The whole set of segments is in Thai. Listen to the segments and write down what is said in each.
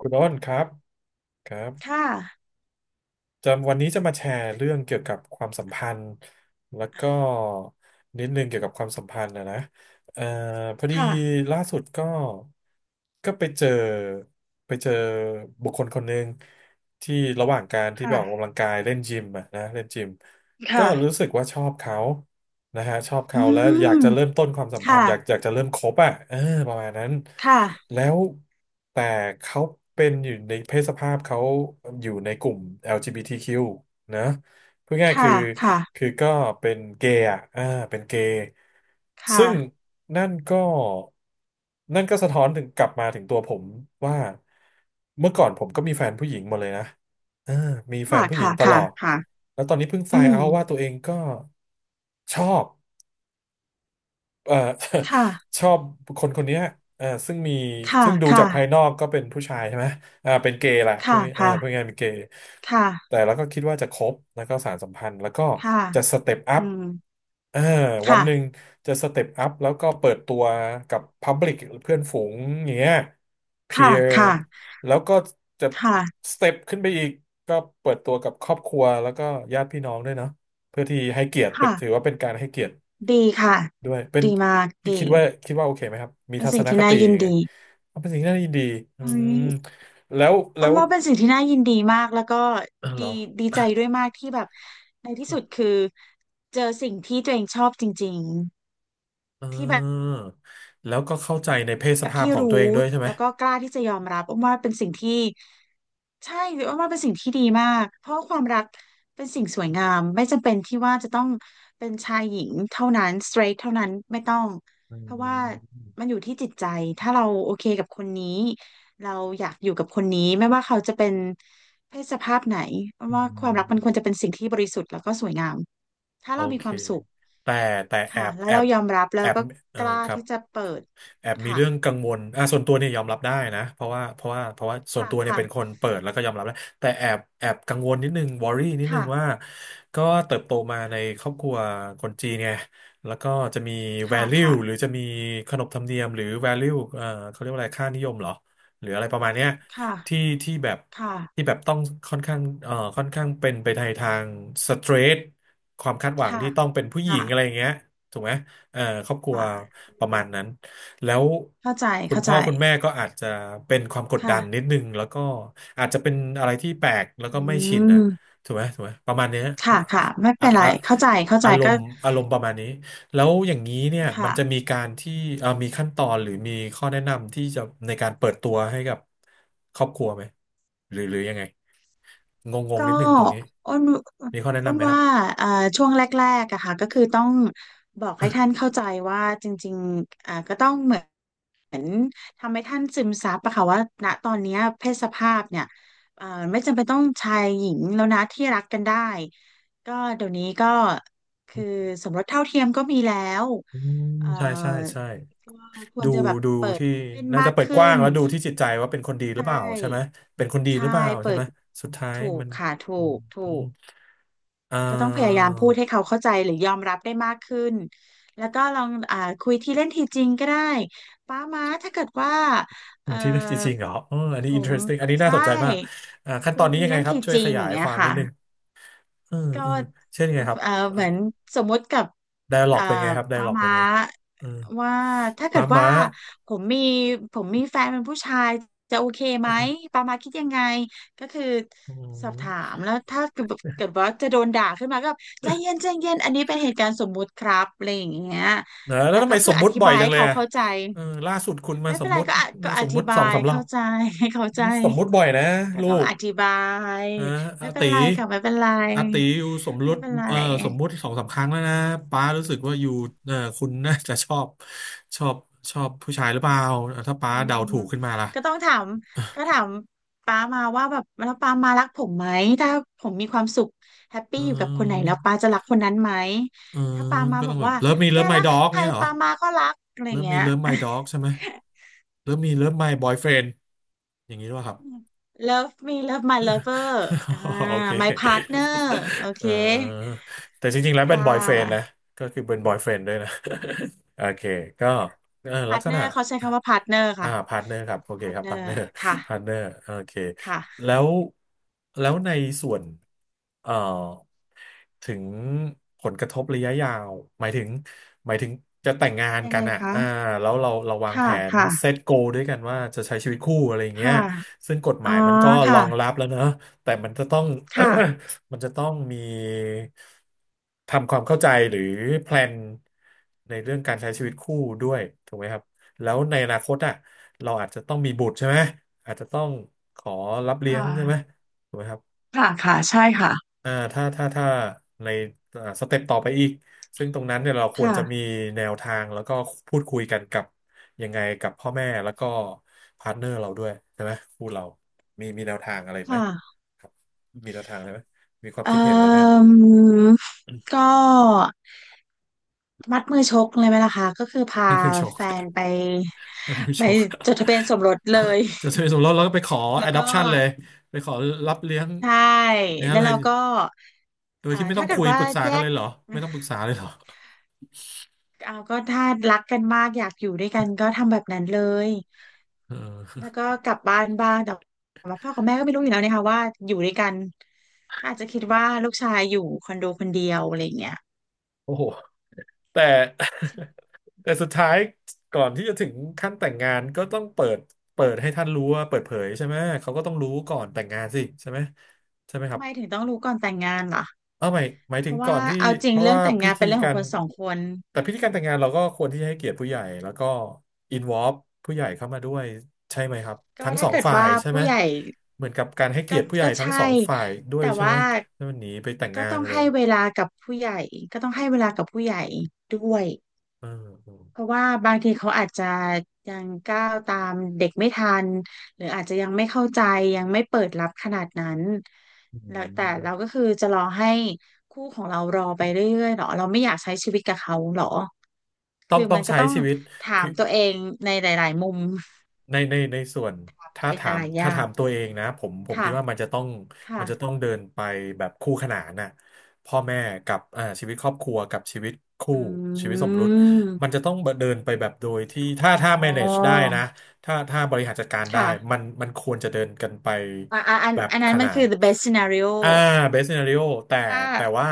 คุณอ้นครับครับค่ะจะวันนี้จะมาแชร์เรื่องเกี่ยวกับความสัมพันธ์แล้วก็นิดนึงเกี่ยวกับความสัมพันธ์นะเอ่อพอดีค่ะล่าสุดก็ก็ไปเจอบุคคลคนหนึ่งที่ระหว่างการที่ไปออกค่ะกำลังกายเล่นยิมอะนะเล่นยิมก็รู้ค่ะสึกว่าชอบเขา นะฮะชอบเขาอืแล้วอยากมจะเริ่มต้นความสัมพันค่ะธ์อยากจะเริ่มคบอ่ะเออประมาณนั้นค่ะแล้วแต่เขาเป็นอยู่ในเพศสภาพเขาอยู่ในกลุ่ม LGBTQ นะพูดง่ายๆคืค่ะอค่ะคือก็เป็นเกย์อ่ะอ่าเป็นเกย์ค่ะซึ่งนั่นก็นั่นก็สะท้อนถึงกลับมาถึงตัวผมว่าเมื่อก่อนผมก็มีแฟนผู้หญิงหมาเลยนะเออมีแฟค่ะนผู้หญิงค่ะตลค่ะอดค่ะแล้วตอนนี้เพิ่งไฟอืล์มเอาท์ว่าตัวเองก็ชอบ เอ่อ ค่ะ ชอบคนคนเนี้ยซึ่งมีค่ะซึ่งดูค่ะจากภายนอกก็เป็นผู้ชายใช่ไหมอ่าเป็นเกย์แหละพูดค่ะค่ะพูดง่ายๆเป็นเกย์ค่ะแต่แล้วก็คิดว่าจะคบแล้วก็สานสัมพันธ์แล้วก็ค่ะจะสเต็ปอัอืพมเออวันค่ะหนึ่งจะสเต็ปอัพแล้วก็เปิดตัวกับพับลิกเพื่อนฝูงอย่างเงี้ยเพีค่ะยร์ค่ะแล้วก็จะค่ะสเต็ปขึ้นไปอีกก็เปิดตัวกับครอบครัวแล้วก็ญาติพี่น้องด้วยเนาะเพื่อที่ให้เกียรติเป็นค่ะถือว่าเป็นการให้เกียรติ ดีค่ะ ด้วยเป็นดีมากที่ดี คิดว่าโอเคไหมครับมีเป็นทัศสิ่งนที่คน่าติยินยังไงดีเอาเป็นสิ่งที่น่ายินดีอืเฮ้ยมแล้วแล้อ้นวว่าเป็นสิ่งที่น่ายินดีมาก แล้วก็เออเหรดีอดีใจด้วยมากที่แบบในที่สุดคือเจอสิ่งที่ตัวเองชอบจริงเอๆที่แบบ อแล้วก็เข้าใจในเพศสแบบภาพที่ของรู้ตัวเองด้วยใช่ไหมแล้วก็กล้าที่จะยอมรับอ้อมว่าเป็นสิ่งที่ใช่อ้อมว่าเป็นสิ่งที่ดีมากเพราะว่าความรักเป็นสิ่งสวยงามไม่จำเป็นที่ว่าจะต้องเป็นชายหญิงเท่านั้น straight เท่านั้นไม่ต้องอืเพราะว่ามันมอยู่ที่จิตใจถ้าเราโอเคกับคนนี้เราอยากอยู่กับคนนี้ไม่ว่าเขาจะเป็นเพศสภาพไหนอ้อมอืว่าความมรักมันควรจะเป็นสิ่งที่บริสุทธิ์แล้วก็สวยงามถ้าโอเรามีเคความสุขแต่แต่แอค่ะบแล้วแอเราบยอมรับแอแล้วบก็เออกล้าครับ ที่จะเปิดแอบมีค่ะเรื่องกังวลอ่ะส่วนตัวเนี่ยยอมรับได้นะ เพราะว่าเพราะว่าเพราะว่าส่วนค่ะตัวเนี่ยค่ะ เป็นคนเปิดแล้วก็ยอมรับแล้วแต่แอบกังวลนิดนึงวอรี่นิดนึค่ะงว่า ก็เติบโตมาในครอบครัวคนจีนไงแล้วก็จะมี ค่ะ value ค่ะหรือจะมีขนบธรรมเนียมหรือ value เขาเรียกว่าอะไรค่านิยมเหรอ หรืออะไรประมาณเนี้ยค่ะที่ที่แบบค่ะที่แบบต้องค่อนข้างค่อนข้างเป็นไปในทางสเตรทความคาดหวังค่ะที่ต้องเป็นผู้หญิงอะไรอค่ะย่างเงี้ยถูกไหมเอ่อครอบครัวค่ะอประืมาณมนั้น แล้วเข้าใจ คุณเข้าพ่ใจอคุณแม่ก็อาจจะเป็นความกดดัค่ะนนิดนึงแล้วก็อาจจะเป็นอะไรที่แปลกแล้วอืก็ไม่ชินนะมถูกไหมประมาณเนี้ยค่ะค่ะไม่อะเป็นไร อะเข้าใจเข้าใจอารก็มณ์อารมณ์ประมาณนี้แล้วอย่างนี้เนี่ยมัค่ะ นจะมีการที่มีขั้นตอนหรือมีข้อแนะนำที่จะในการเปิดตัวให้กับครอบครัวไหมหรือยังไงงงงก็นิดนึงตรงนี้อ้นมีข้อแนะอ้นำนไหมครับว่าเอ่อช่วงแรกๆอะค่ะก็คือต้องบอกให้ท่านเข้าใจว่าจริงๆอ่าก็ต้องเหมือน เหมือนทำให้ท่านซึมซับอะค่ะว่าณตอนเนี้ยเพศสภาพเนี่ยเอ่อไม่จำเป็นต้องชายหญิงแล้วนะที่รักกันได้ก็เดี๋ยวนี้ก็คือสมรสเท่าเทียมก็มีแล้วอืมเอ่อใช่ใช่ใช่ ก็ควดูรจะแบบดูเปิดที่โอเพ่นน่ามาจะกเปิดกขึ้ว้างนแล้วดูที่จิตใจว่าเป็นคนดีหใชรือเปล่าใช่ไหม่เป็นคนดีหใช่รือเปล่าใช่เปิไหดมสุดท้ายถูกมันค่ะถูอืมกถูอืมก อ่ก็ต้องพยายาามพูดให้เขาเข้าใจหรือยอมรับได้มากขึ้น แล้วก็ลองอ่าคุยทีเล่นทีจริงก็ได้ป้าม้าถ้าเกิดว่าเออที่จริงๆเหรอเอออันผนี้ ม interesting อันนี้น่าใช่สนใจมากอ่าขั้นตคุอยนนี้ทียังไงเล่นครับทีช่วจยริขงยาอย่ายงคเงี้ยวามนิค่ะดนึงเออก็ เออเช่นยังไงครับเหมือนสมมติกับไดอะล็อเอ่กอเป็นไงครับไดอะป้าล็อกเป็ม้านไงเออว่าถ้าเกิม้าดว่าม้าผมมีผมมีแฟนเป็นผู้ชายจะโอเคไหมป้าม้าคิดยังไงก็คืออืสอบถามมแล้วถ้าเกิดเกิดว่าจะโดนด่าขึ้นมาก็แบบใจเย็นใจเย็นอันนี้เป็นเหตุการณ์สมมุติครับอะไรอย่างเงี้ยเนอะแล้วแต่ทำก็ไมสคือมอมุติธิบ่อยบายจังให้เลยเขาอ่ะเข้าใจเออล่าสุดคุณมาไม่สเป็มนไรมุติก็อะก็อสมธิมุติบาสองยสามรอเข้าบใจให้เข้าใจสมมุติบ่อยนะก็ลูต้องก อธิบายอ่าไม่อาเป็นติไรค่ะไม่เป็นไรอาติอยู่สมรไม่สเป็นไร เอ่อสมมุติสองสามครั้งแล้วนะป้ารู้สึกว่าอยู่เอ่อคุณน่าจะชอบชอบผู้ชายหรือเปล่าอ่ะถ้าอืป้าเดามถูกขึ้นมาล่ะก็ต้องถามก็ถามป้ามาว่าแบบแล้วป้ามารักผมไหมถ้าผมมีความสุขแฮปเปี้อยู่กับคนไหนออแล้วป้าจะรักคนนั้นไหมเออถ้าป้ามาก็บต้อองกแบบว่าเลิฟมีแกเลิฟไม d รักด็อกใครเนี้ยเหรอป้ามาก็รักอะไรเลิฟมีเงี้ย เลิฟไม d ด็อกใช่ไหมเลิฟมีเลิฟไม b บอยเฟรนด์อย่างนี้หรือเปล่าครับ Love me love my lover อ่า โอเค my partner โอเคเออแต่จริงๆแล้วเป็ค่นบอยเฟรนด์นะะ ก็คือเป็นบอยเฟรนด์ด้วยนะ โอเค ก็เออลักษณะ partner เขาใช้คำว่า partner อ่าค่ะ พาร์ทเนอร์ครับโอเคครับพา partner ร์ทเนอร์พาร์ทเนค่ะอร์ โอเคค่ะแล้วแล้วในส่วนเอ่อถึงผลกระทบระยะยาวหมายถึงหมายถึงจะแต่งงานยังกัไงนอ่ะคะอ่าแล้วเราวางแผค่ะนค่ะเซตโกด้วยกันว่าจะใช้ชีวิตคู่อะไรอย่างเงี้ยค่ะซึ่งกฎหอ๋อมายมันก็รค่ะองรับแล้วเนอะแต่มันจะต้อง ค่ะ มันจะต้องมีทำความเข้าใจหรือแพลนในเรื่องการใช้ชีวิตคู่ด้วยถูกไหมครับแล้วในอนาคตอ่ะเราอาจจะต้องมีบุตรใช่ไหมอาจจะต้องขอรับเลี้ยค่งใช่ไหมะ ถูกไหมครับค่ะค่ะใช่ค่ะถ้าในสเต็ปต่อไปอีกซึ่งตรงนั้นเนี่ยเราควรค่ะจะมีแนวทางแล้วก็พูดคุยกันกับยังไงกับพ่อแม่แล้วก็พาร์ทเนอร์เราด้วยใช่ไหมคู่เรามีแนวทางอะไรคไหม่ะครับมีแนวทางอะไรไหมมีความเอ่คิดเห็นอะไรไหม อก็มัดมือชกเลยไหมล่ะคะก็คือพาท่านผู้ชก แฟนไป ท่านผู้ไปชก จดทะเบียนสมรสเลย จะทะเบียนสมรสแล้วก็ไปขอ แล้วก็ adoption เลยไปขอรับเลี้ยงใช่เนี้ยแล้วเลยเราก็โดยที่ไม่ต้อถ้างเกิคุดยว่าปรึกษาแยกันเลก ยเหรอไม่ต้องปรึก ษาเลยเหรอเอาก็ถ้ารักกันมากอยากอยู่ด้วยกันก็ทำแบบนั้นเลยเออ แล้วก็ กลับบ้านบ้างแต่ว่าพ่อกับแม่ก็ไม่รู้อยู่แล้วนะคะว่าอยู่ด้วยกันก็อาจจะคิดว่าลูกชายอยู่คอนโดคนเดียวอะไรอย่างเงี้ย โอ้โหแต่ แต่สุดท้ายก่อนที่จะถึงขั้นแต่งงานก็ต้องเปิดเปิดให้ท่านรู้ว่าเปิดเผยใช่ไหมเขาก็ต้องรู้ก่อนแต่งงานสิใช่ไหมใช่ไหมคทำรัไมบ ถึงต้องรู้ก่อนแต่งงานล่ะเอาหมายหมายเพถึงราะก่อว่านที่เอาจริเพงราะเรื่องว่าแต่งพิงานธีเป็นเรื่องขกาองรคนสองคนแต่พิธีการแต่งงานเราก็ควรที่จะให้เกียรติผู้ใหญ่แล้วก็อินวอล์ผู้ใหญ่เข้ามาด้วยใช่ไหมครับก็ทั้งสถ้าองเกิดฝ่ายว่าใช่ไหมผู้ใหญ่เหมือนกับการให้เกีก็ยรติผู้ใหญ่ก็ทั้งใช่ สองฝ่ายด้วยแต่ใช่ไหมว่าแล้วมันหนีไปแต่งก็งานต้องเลยให้เวลากับผู้ใหญ่ก็ต้องให้เวลากับผู้ใหญ่ด้วยเอเพออราะว่าบางทีเขาอาจจะยังก้าวตามเด็กไม่ทันหรืออาจจะยังไม่เข้าใจยังไม่เปิดรับขนาดนั้นืแล้วแต่มเราก็คือจะรอให้คู่ของเรารอไปเรื่อยๆหรอเราไม่อยากใช้ชีวิตกับเขาหรอ ต้อคืงอต้อมังนก็ใช้ต้องชีวิตถาคืมอ ตัวเองในหลายๆมุม ในในในส่วน ตัวเองหลายๆอถ้าย่าถางมตัวเองนะผมคิค่ะ ดว่ามันจะต้องมัค่ะ นจะต้องเดินไปแบบคู่ขนานน่ะพ่อแม่กับชีวิตครอบครัวกับชีวิตคู่อืชีวิตสมรสมันจะมต้องเดินไปแบบโดยที่ถ้าอ๋ถ้า manage อได้นะ ถ้าบริหารจัดการได้ค่ะมันควรจะเดินกันไปอ่ะอ่ะอันแบบอันขนั้นมันานคืนอ the best scenario อ่าเบส t ีนาริโอแต่ถ้า แต่ว่า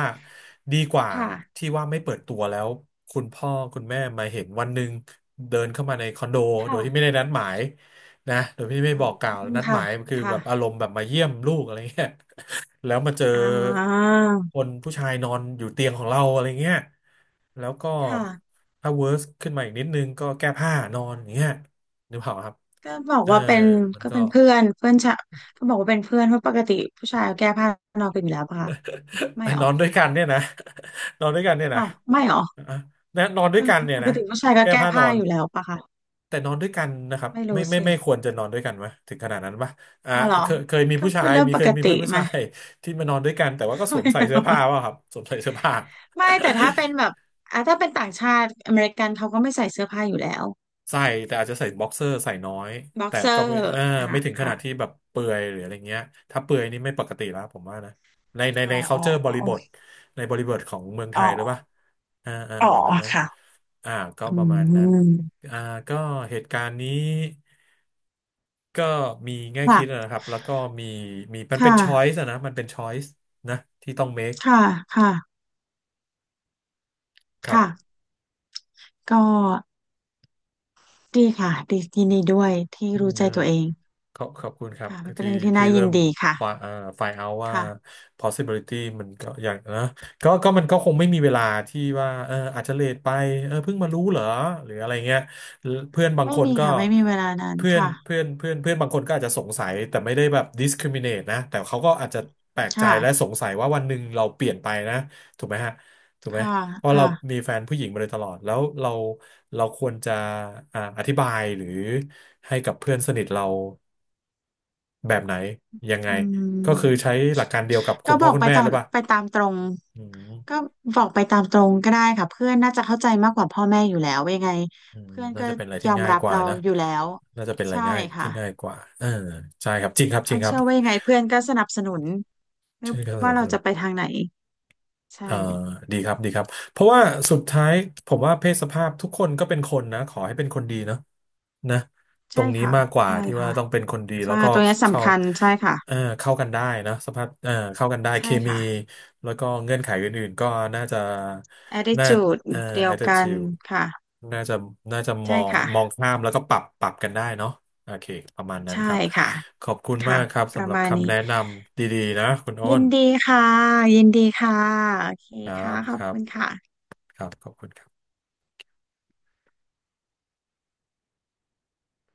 ดีกว่าค่ะที่ว่าไม่เปิดตัวแล้วคุณพ่อคุณแม่มาเห็นวันหนึ่งเดินเข้ามาในคอนโดโดค่ะยที่ไม่ได้นัดหมายนะโดยที่ไม่อืบอกกล่าวมนัดหค่ะมายคือค่ะแบบอารมณ์แบบมาเยี่ยมลูกอะไรเงี้ยแล้วมาเจออ่าคนผู้ชายนอนอยู่เตียงของเราอะไรเงี้ย แล้วก็ค่ะ ถ้าเวิร์สขึ้นมาอีกนิดนึงก็แก้ผ้านอนอย่างเงี้ยนึกเปล่าครับก็บอกเออว่าเป็นมันก็ก็ เป็นเพื่อนเพื่อนชะก็บอกว่าเป็นเพื่อนเพราะปกติผู้ชายก็แก้ผ้านอนกันอยู่แล้วปะคะไม่หร นออนด้วยกันเนี่ยนะ นอนด้วยกันเนี่ยนะอ้าวไม่หรออ่ะนะนอนด้วยกันเนี่ยปกนะติผู้ชายก็แก้แก้ผ้านอผ้านอยู่แล้วปะคะแต่นอนด้วยกันนะครับไม่ไม่รู้ไม่สิ ไม่ควรจะนอนด้วยกันวะถึงขนาดนั้นปะอ่าเอาเหรอเคยมีก็ผู้ชาเป็นยเรื่องมีปกติเพื่อนผู้มาชายที่มานอนด้วยกันแต่ว่าก็สวมไม่ใส่เสื้อเอา ผ้าว่ะ ครับสวมใส่เสื้อผ้า ไม่แต่ถ้าเป็นแบ บอ่ะถ้าเป็นต่างชาติอเมริกันเขาก็ไม่ใส่เสื้อผ้าอยู่แล้วใส่แต่อาจจะใส่บ็อกเซอร์ใส่น้อยบ็อกแต่เซอก็ไม่ร์เอออ่ะไม่ถึงขอ่ะนาดที่แบบเปลือยหรืออะไรเงี้ยถ้าเปลือยนี่ไม่ปกติแล้วผมว่านะในในอ๋อใน อ๋อ culture บอ๋อริโอบทเคในบริบทของเมืองไทอ๋ยหรือเปอล่าอ่าอ๋อประมาณนั้นค่ะอ่าก็อืประมาณนั้นมอ่าก็เหตุการณ์นี้ก็มีแง่คิดค่ะนะครับแล้วก็มีมีมันเป็น ค่ะ choice อะนะมันเป็น choice นะที่ต้อง make ค่ะค่ะครับค่ะก็ดีค่ะดียินดีด้วยที่อืรู้ม ใจตัวเองขอบขอบคุณครับค่ะมัคือนเป็นที่เรื่องที่ที่น่ายิเริ่นมดีค่ะฝ่ายอ่อไฟเอาว่า ค่ะ possibility มันก็อย่างนะก็มันก็คงไม่มีเวลาที่ว่าเอออาจจะเลทไปเออเพิ่งมารู้เหรอหรืออะไรเงี้ยเพื่อนบางไม่คนมีก็ค่ะไม่มีเวลานั้นเพื่อนค่ะเพื่อนเพื่อนเพื่อนบางคนก็อาจจะสงสัยแต่ไม่ได้แบบ discriminate นะแต่เขาก็อาจจะแปลกใจค่ะและสงสัยว่าวันหนึ่งเราเปลี่ยนไปนะถูกไหมฮะถูกไหมค่ะเพราะเราค่ะมีแฟนผู้หญิงมาโดยตลอดแล้วเราเราควรจะอธิบายหรือให้กับเพื่อนสนิทเรา แบบไหนยังไงอืก็คือมใช้หลักการเดียวกับคุก็ณบพ่ออกคุณไปแม่ตาหมรือเปล่าไปตามตรง อืก็มบอกไปตามตรงก็ได้ค่ะเพื่อนน่าจะเข้าใจมากกว่าพ่อแม่อยู่แล้วว่ายังไงอืมเพื่อนน่าก็จะเป็นอะไรยที่อมง่ายรับกว่าเรานะอยู่แล้วน่าจะเป็นอะไรใช่ง่ายค่ะที่ง่ายกว่าเออใช่ครับจริงครับจริอังนครับเชื่อว่ายังไงเพื่อนก็สนับสนุนไม่ใช่คว่ารัเราจะไปบ ทางไหนใช่เอ่อดีครับดีครับเพราะว่าสุดท้ายผมว่าเพศสภาพทุกคนก็เป็นคนนะขอให้เป็นคนดีเนาะนะตรใช่งนี้ค่ะมากกว่าใช่ที่ว่าค่ะต้องเป็นคนดีแล้ใช่วก็ตัวเนี้ยเข้าสำคัญใช่ค่ะเข้ากันได้นะสภาพเข้ากันได้เคใช่มีค่ะ แล้วก็เงื่อนไขอื่นๆก็น่าจะน่า attitude เอ่อ เดียวกัน attitude ค่ะน่าจะน่าจะมใช่องค่ะมองข้ามแล้วก็ปรับกันได้เนาะโอเคประมาณนั้นใช่ครับค่ะขอบคุณมาค่ะกครับปสำระหรับมาณคำนี้แนะนำดีๆนะคุณโอ้ยินนดีค่ะยินดีค่ะโอเคครัค่ะบขคอบรับคุณค่ะครับขอบคุณครับ